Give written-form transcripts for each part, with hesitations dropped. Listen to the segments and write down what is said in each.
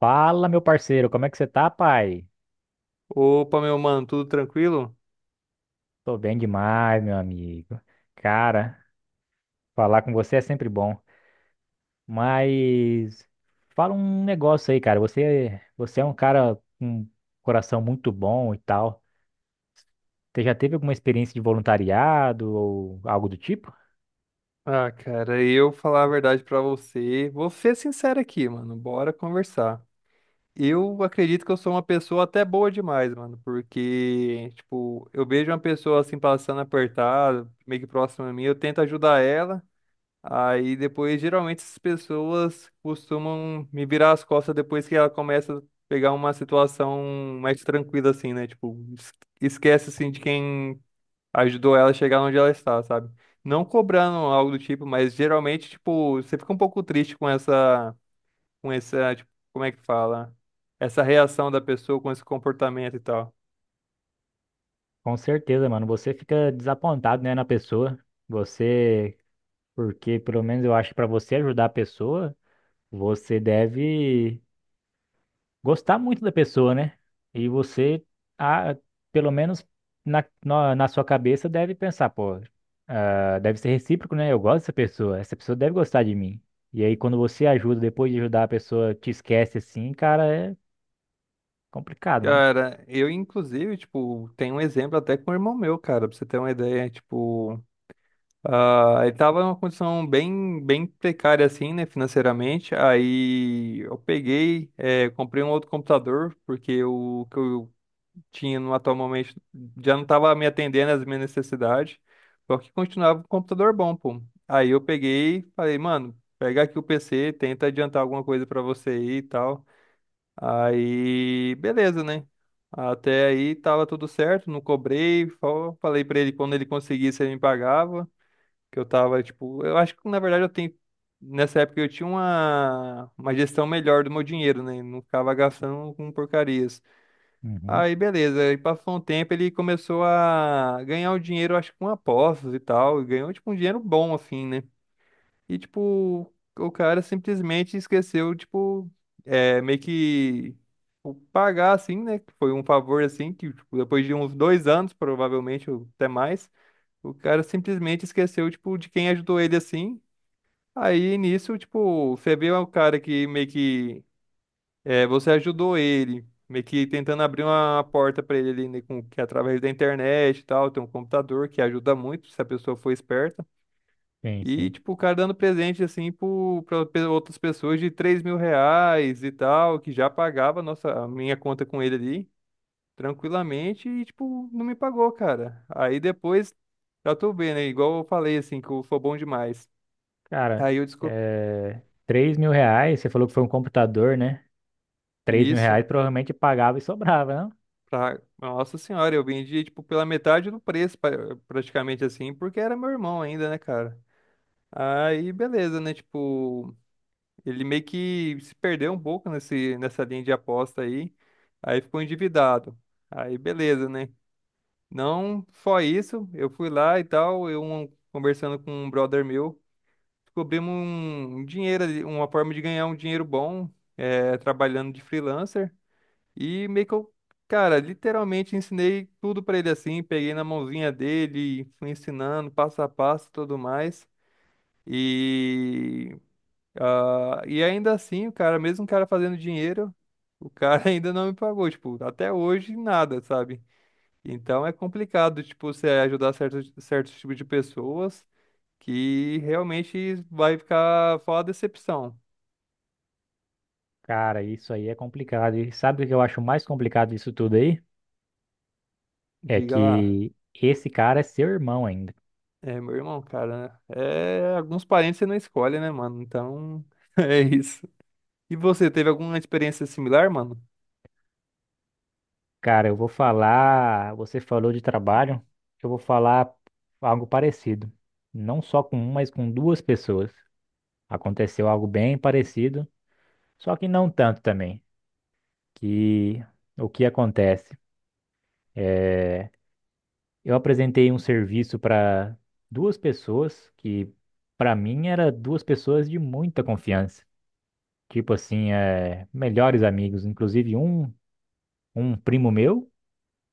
Fala, meu parceiro, como é que você tá, pai? Opa, meu mano, tudo tranquilo? Tô bem demais, meu amigo. Cara, falar com você é sempre bom. Mas fala um negócio aí, cara. Você é um cara com um coração muito bom e tal. Você já teve alguma experiência de voluntariado ou algo do tipo? Ah, cara, eu falar a verdade pra você, vou ser sincero aqui, mano, bora conversar. Eu acredito que eu sou uma pessoa até boa demais, mano, porque, tipo, eu vejo uma pessoa assim passando apertada, meio que próxima a mim, eu tento ajudar ela, aí depois, geralmente, essas pessoas costumam me virar as costas depois que ela começa a pegar uma situação mais tranquila, assim, né? Tipo, esquece, assim, de quem ajudou ela a chegar onde ela está, sabe? Não cobrando algo do tipo, mas geralmente, tipo, você fica um pouco triste com essa, tipo, como é que fala? Essa reação da pessoa com esse comportamento e tal. Com certeza, mano. Você fica desapontado, né, na pessoa. Você, porque pelo menos eu acho que pra você ajudar a pessoa, você deve gostar muito da pessoa, né? E você, ah, pelo menos na sua cabeça, deve pensar, pô, ah, deve ser recíproco, né? Eu gosto dessa pessoa, essa pessoa deve gostar de mim. E aí, quando você ajuda, depois de ajudar a pessoa, te esquece assim, cara, é complicado, mano. Cara, eu inclusive, tipo, tenho um exemplo até com o irmão meu, cara, pra você ter uma ideia, tipo, ele tava numa condição bem, bem precária, assim, né, financeiramente, aí eu peguei, comprei um outro computador, porque o que eu tinha no atual momento já não estava me atendendo às minhas necessidades, só que continuava um computador bom, pô. Aí eu peguei e falei, mano, pega aqui o PC, tenta adiantar alguma coisa pra você aí e tal. Aí, beleza, né? Até aí tava tudo certo, não cobrei, só falei pra ele quando ele conseguisse ele me pagava, que eu tava tipo, eu acho que na verdade eu tenho. Nessa época eu tinha uma gestão melhor do meu dinheiro, né? Não ficava gastando com porcaria. Uhum. Aí beleza, e passou um tempo, ele começou a ganhar o dinheiro, acho que com apostas e tal, e ganhou tipo um dinheiro bom assim, né? E tipo, o cara simplesmente esqueceu, tipo, meio que o pagar assim, né? Que foi um favor assim, que tipo, depois de uns 2 anos, provavelmente, ou até mais, o cara simplesmente esqueceu, tipo, de quem ajudou ele assim. Aí nisso, tipo, você vê o cara que meio que você ajudou ele, meio que tentando abrir uma porta para ele ali, né, com, que é através da internet e tal, tem um computador que ajuda muito se a pessoa for esperta. Sim, E, sim. tipo, o cara dando presente, assim, para outras pessoas de R$ 3.000 e tal, que já pagava a nossa, a minha conta com ele ali, tranquilamente, e, tipo, não me pagou, cara. Aí depois, já tô vendo, né, igual eu falei, assim, que eu sou bom demais. Cara, Aí eu descobri. é... 3 mil reais, você falou que foi um computador, né? 3 mil Isso. reais provavelmente pagava e sobrava, não? Pra... Nossa senhora, eu vendi, tipo, pela metade do preço, praticamente assim, porque era meu irmão ainda, né, cara? Aí, beleza, né? Tipo, ele meio que se perdeu um pouco nesse, nessa linha de aposta aí. Aí ficou endividado. Aí, beleza, né? Não só isso, eu fui lá e tal, conversando com um brother meu, descobrimos um dinheiro, ali, uma forma de ganhar um dinheiro bom, trabalhando de freelancer. E meio que eu, cara, literalmente ensinei tudo pra ele assim, peguei na mãozinha dele, fui ensinando passo a passo e tudo mais. E, e ainda assim, o cara, mesmo o cara fazendo dinheiro, o cara ainda não me pagou, tipo, até hoje nada, sabe? Então é complicado, tipo, você ajudar certos, certos tipos de pessoas que realmente vai ficar fora decepção. Cara, isso aí é complicado. E sabe o que eu acho mais complicado disso tudo aí? É Diga lá. que esse cara é seu irmão ainda. É, meu irmão, cara, é, alguns parentes você não escolhe, né, mano? Então, é isso. E você, teve alguma experiência similar, mano? Cara, eu vou falar. Você falou de trabalho, eu vou falar algo parecido. Não só com um, mas com duas pessoas. Aconteceu algo bem parecido, só que não tanto também. Que o que acontece? É, eu apresentei um serviço para duas pessoas que, para mim, eram duas pessoas de muita confiança. Tipo assim, é, melhores amigos. Inclusive, um primo meu,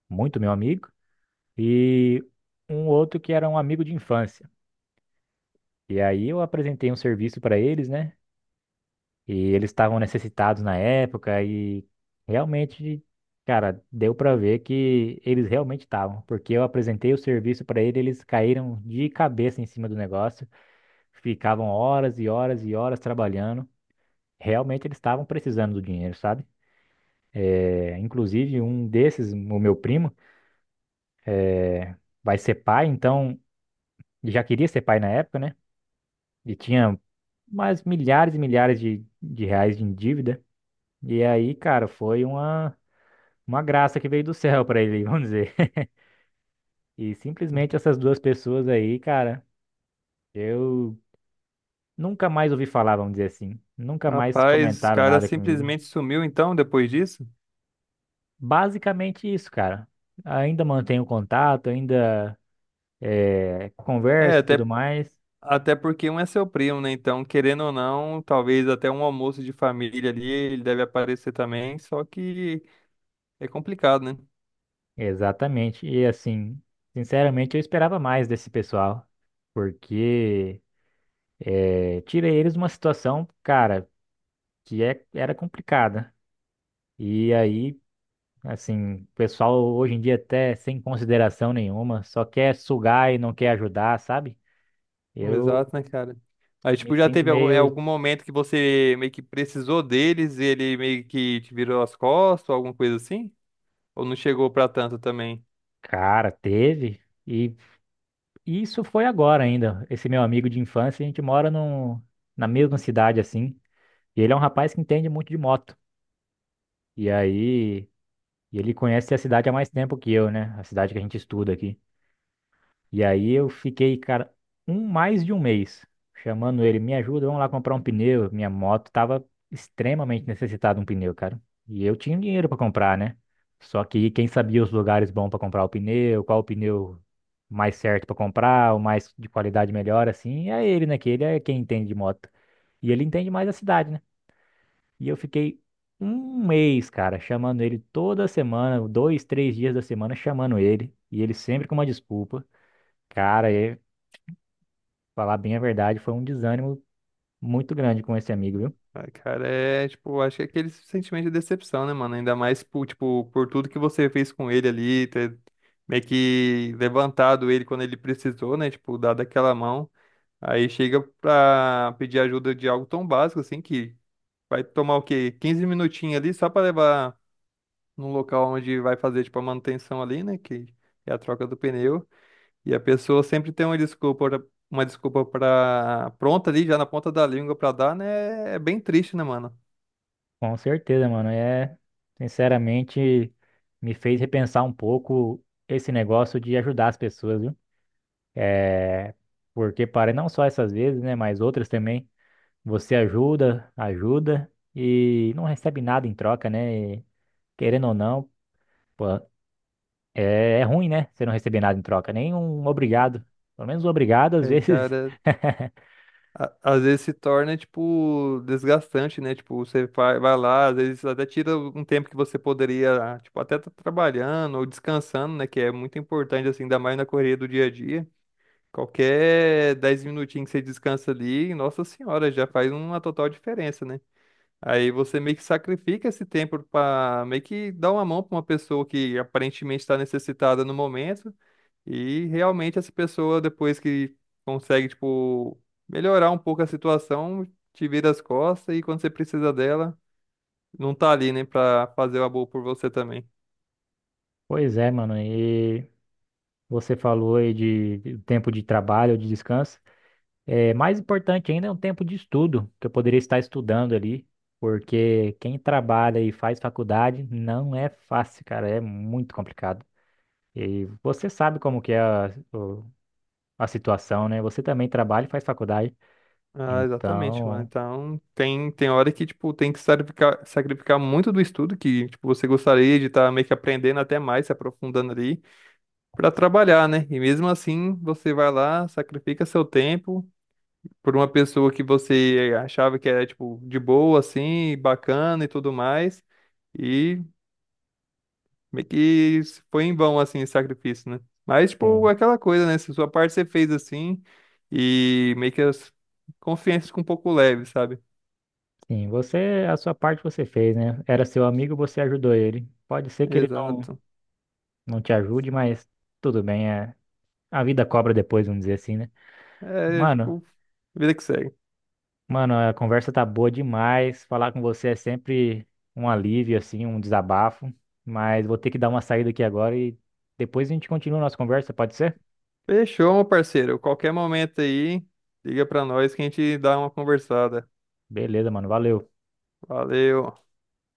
muito meu amigo, e um outro que era um amigo de infância. E aí eu apresentei um serviço para eles, né? E eles estavam necessitados na época e realmente, cara, deu para ver que eles realmente estavam, porque eu apresentei o serviço para eles, eles caíram de cabeça em cima do negócio, ficavam horas e horas e horas trabalhando. Realmente eles estavam precisando do dinheiro, sabe? É, inclusive um desses, o meu primo, vai ser pai, então já queria ser pai na época, né? E tinha mas milhares e milhares de reais em dívida. E aí, cara, foi uma graça que veio do céu pra ele, vamos dizer. E simplesmente essas duas pessoas aí, cara, eu nunca mais ouvi falar, vamos dizer assim. Nunca mais Rapaz, os comentaram caras nada comigo. simplesmente sumiu então depois disso? Basicamente isso, cara. Ainda mantenho contato, ainda É, converso e tudo até, mais. até porque um é seu primo, né? Então, querendo ou não, talvez até um almoço de família ali, ele deve aparecer também, só que é complicado, né? Exatamente. E assim, sinceramente, eu esperava mais desse pessoal. Porque é, tirei eles de uma situação, cara, que é, era complicada. E aí, assim, o pessoal hoje em dia até sem consideração nenhuma, só quer sugar e não quer ajudar, sabe? Eu Exato, né, cara? Aí, me tipo, já sinto teve algum, meio, algum momento que você meio que precisou deles e ele meio que te virou as costas ou alguma coisa assim? Ou não chegou pra tanto também? cara, teve. E isso foi agora ainda. Esse meu amigo de infância, a gente mora num, na mesma cidade, assim. E ele é um rapaz que entende muito de moto. E aí, e ele conhece a cidade há mais tempo que eu, né? A cidade que a gente estuda aqui. E aí eu fiquei, cara, mais de um mês chamando ele, me ajuda, vamos lá comprar um pneu. Minha moto tava extremamente necessitada de um pneu, cara. E eu tinha um dinheiro para comprar, né? Só que quem sabia os lugares bons para comprar o pneu, qual o pneu mais certo para comprar, o mais de qualidade melhor, assim, é ele, né? Que ele é quem entende de moto. E ele entende mais da cidade, né? E eu fiquei um mês, cara, chamando ele toda semana, dois, três dias da semana, chamando ele. E ele sempre com uma desculpa. Cara, falar bem a verdade, foi um desânimo muito grande com esse amigo, viu? Ai, cara, é, tipo, acho que é aquele sentimento de decepção, né, mano? Ainda mais, por, tipo, por tudo que você fez com ele ali, ter meio que levantado ele quando ele precisou, né? Tipo, dado aquela mão. Aí chega pra pedir ajuda de algo tão básico, assim, que vai tomar o quê? 15 minutinhos ali só pra levar num local onde vai fazer, tipo, a manutenção ali, né? Que é a troca do pneu. E a pessoa sempre tem uma desculpa, uma desculpa pra, pronta ali, já na ponta da língua pra dar, né? É bem triste, né, mano? Com certeza, mano. É, sinceramente, me fez repensar um pouco esse negócio de ajudar as pessoas, viu? É, porque para não só essas vezes, né, mas outras também, você ajuda, ajuda e não recebe nada em troca, né? E, querendo ou não, pô, é, é ruim, né? Você não receber nada em troca, nem um obrigado. Pelo menos um obrigado, às É, vezes. cara, às vezes se torna, tipo, desgastante, né? Tipo, você vai lá, às vezes até tira um tempo que você poderia, tipo, até tá trabalhando ou descansando, né? Que é muito importante, assim, ainda mais na correria do dia a dia. Qualquer 10 minutinhos que você descansa ali, nossa senhora, já faz uma total diferença, né? Aí você meio que sacrifica esse tempo para meio que dar uma mão para uma pessoa que aparentemente está necessitada no momento e realmente essa pessoa depois que consegue tipo melhorar um pouco a situação, te vira as costas e quando você precisa dela, não tá ali, né, para fazer o amor por você também. Pois é, mano. E você falou aí de tempo de trabalho ou de descanso. É, mais importante ainda é um tempo de estudo, que eu poderia estar estudando ali, porque quem trabalha e faz faculdade não é fácil, cara, é muito complicado. E você sabe como que é o- a situação, né? Você também trabalha e faz faculdade. Ah, exatamente, mano. Então, Então, tem hora que, tipo, tem que sacrificar, sacrificar muito do estudo que, tipo, você gostaria de estar meio que aprendendo até mais, se aprofundando ali. Para trabalhar, né? E mesmo assim, você vai lá, sacrifica seu tempo por uma pessoa que você achava que era, tipo, de boa, assim, bacana e tudo mais. E meio que foi em vão, assim, esse sacrifício, né? Mas, tipo, sim, aquela coisa, né? Se sua parte você fez assim, e meio que as confianças ficam um pouco leve, sabe? sim, você, a sua parte você fez, né? Era seu amigo, você ajudou ele. Pode ser que ele não, Exato. não te ajude, mas tudo bem, é, a vida cobra depois, vamos dizer assim, né? É, Mano, tipo, vida que segue. mano, a conversa tá boa demais. Falar com você é sempre um alívio, assim, um desabafo. Mas vou ter que dar uma saída aqui agora e depois a gente continua a nossa conversa, pode ser? Fechou, meu parceiro. Qualquer momento aí, liga pra nós que a gente dá uma conversada. Beleza, mano. Valeu. Valeu.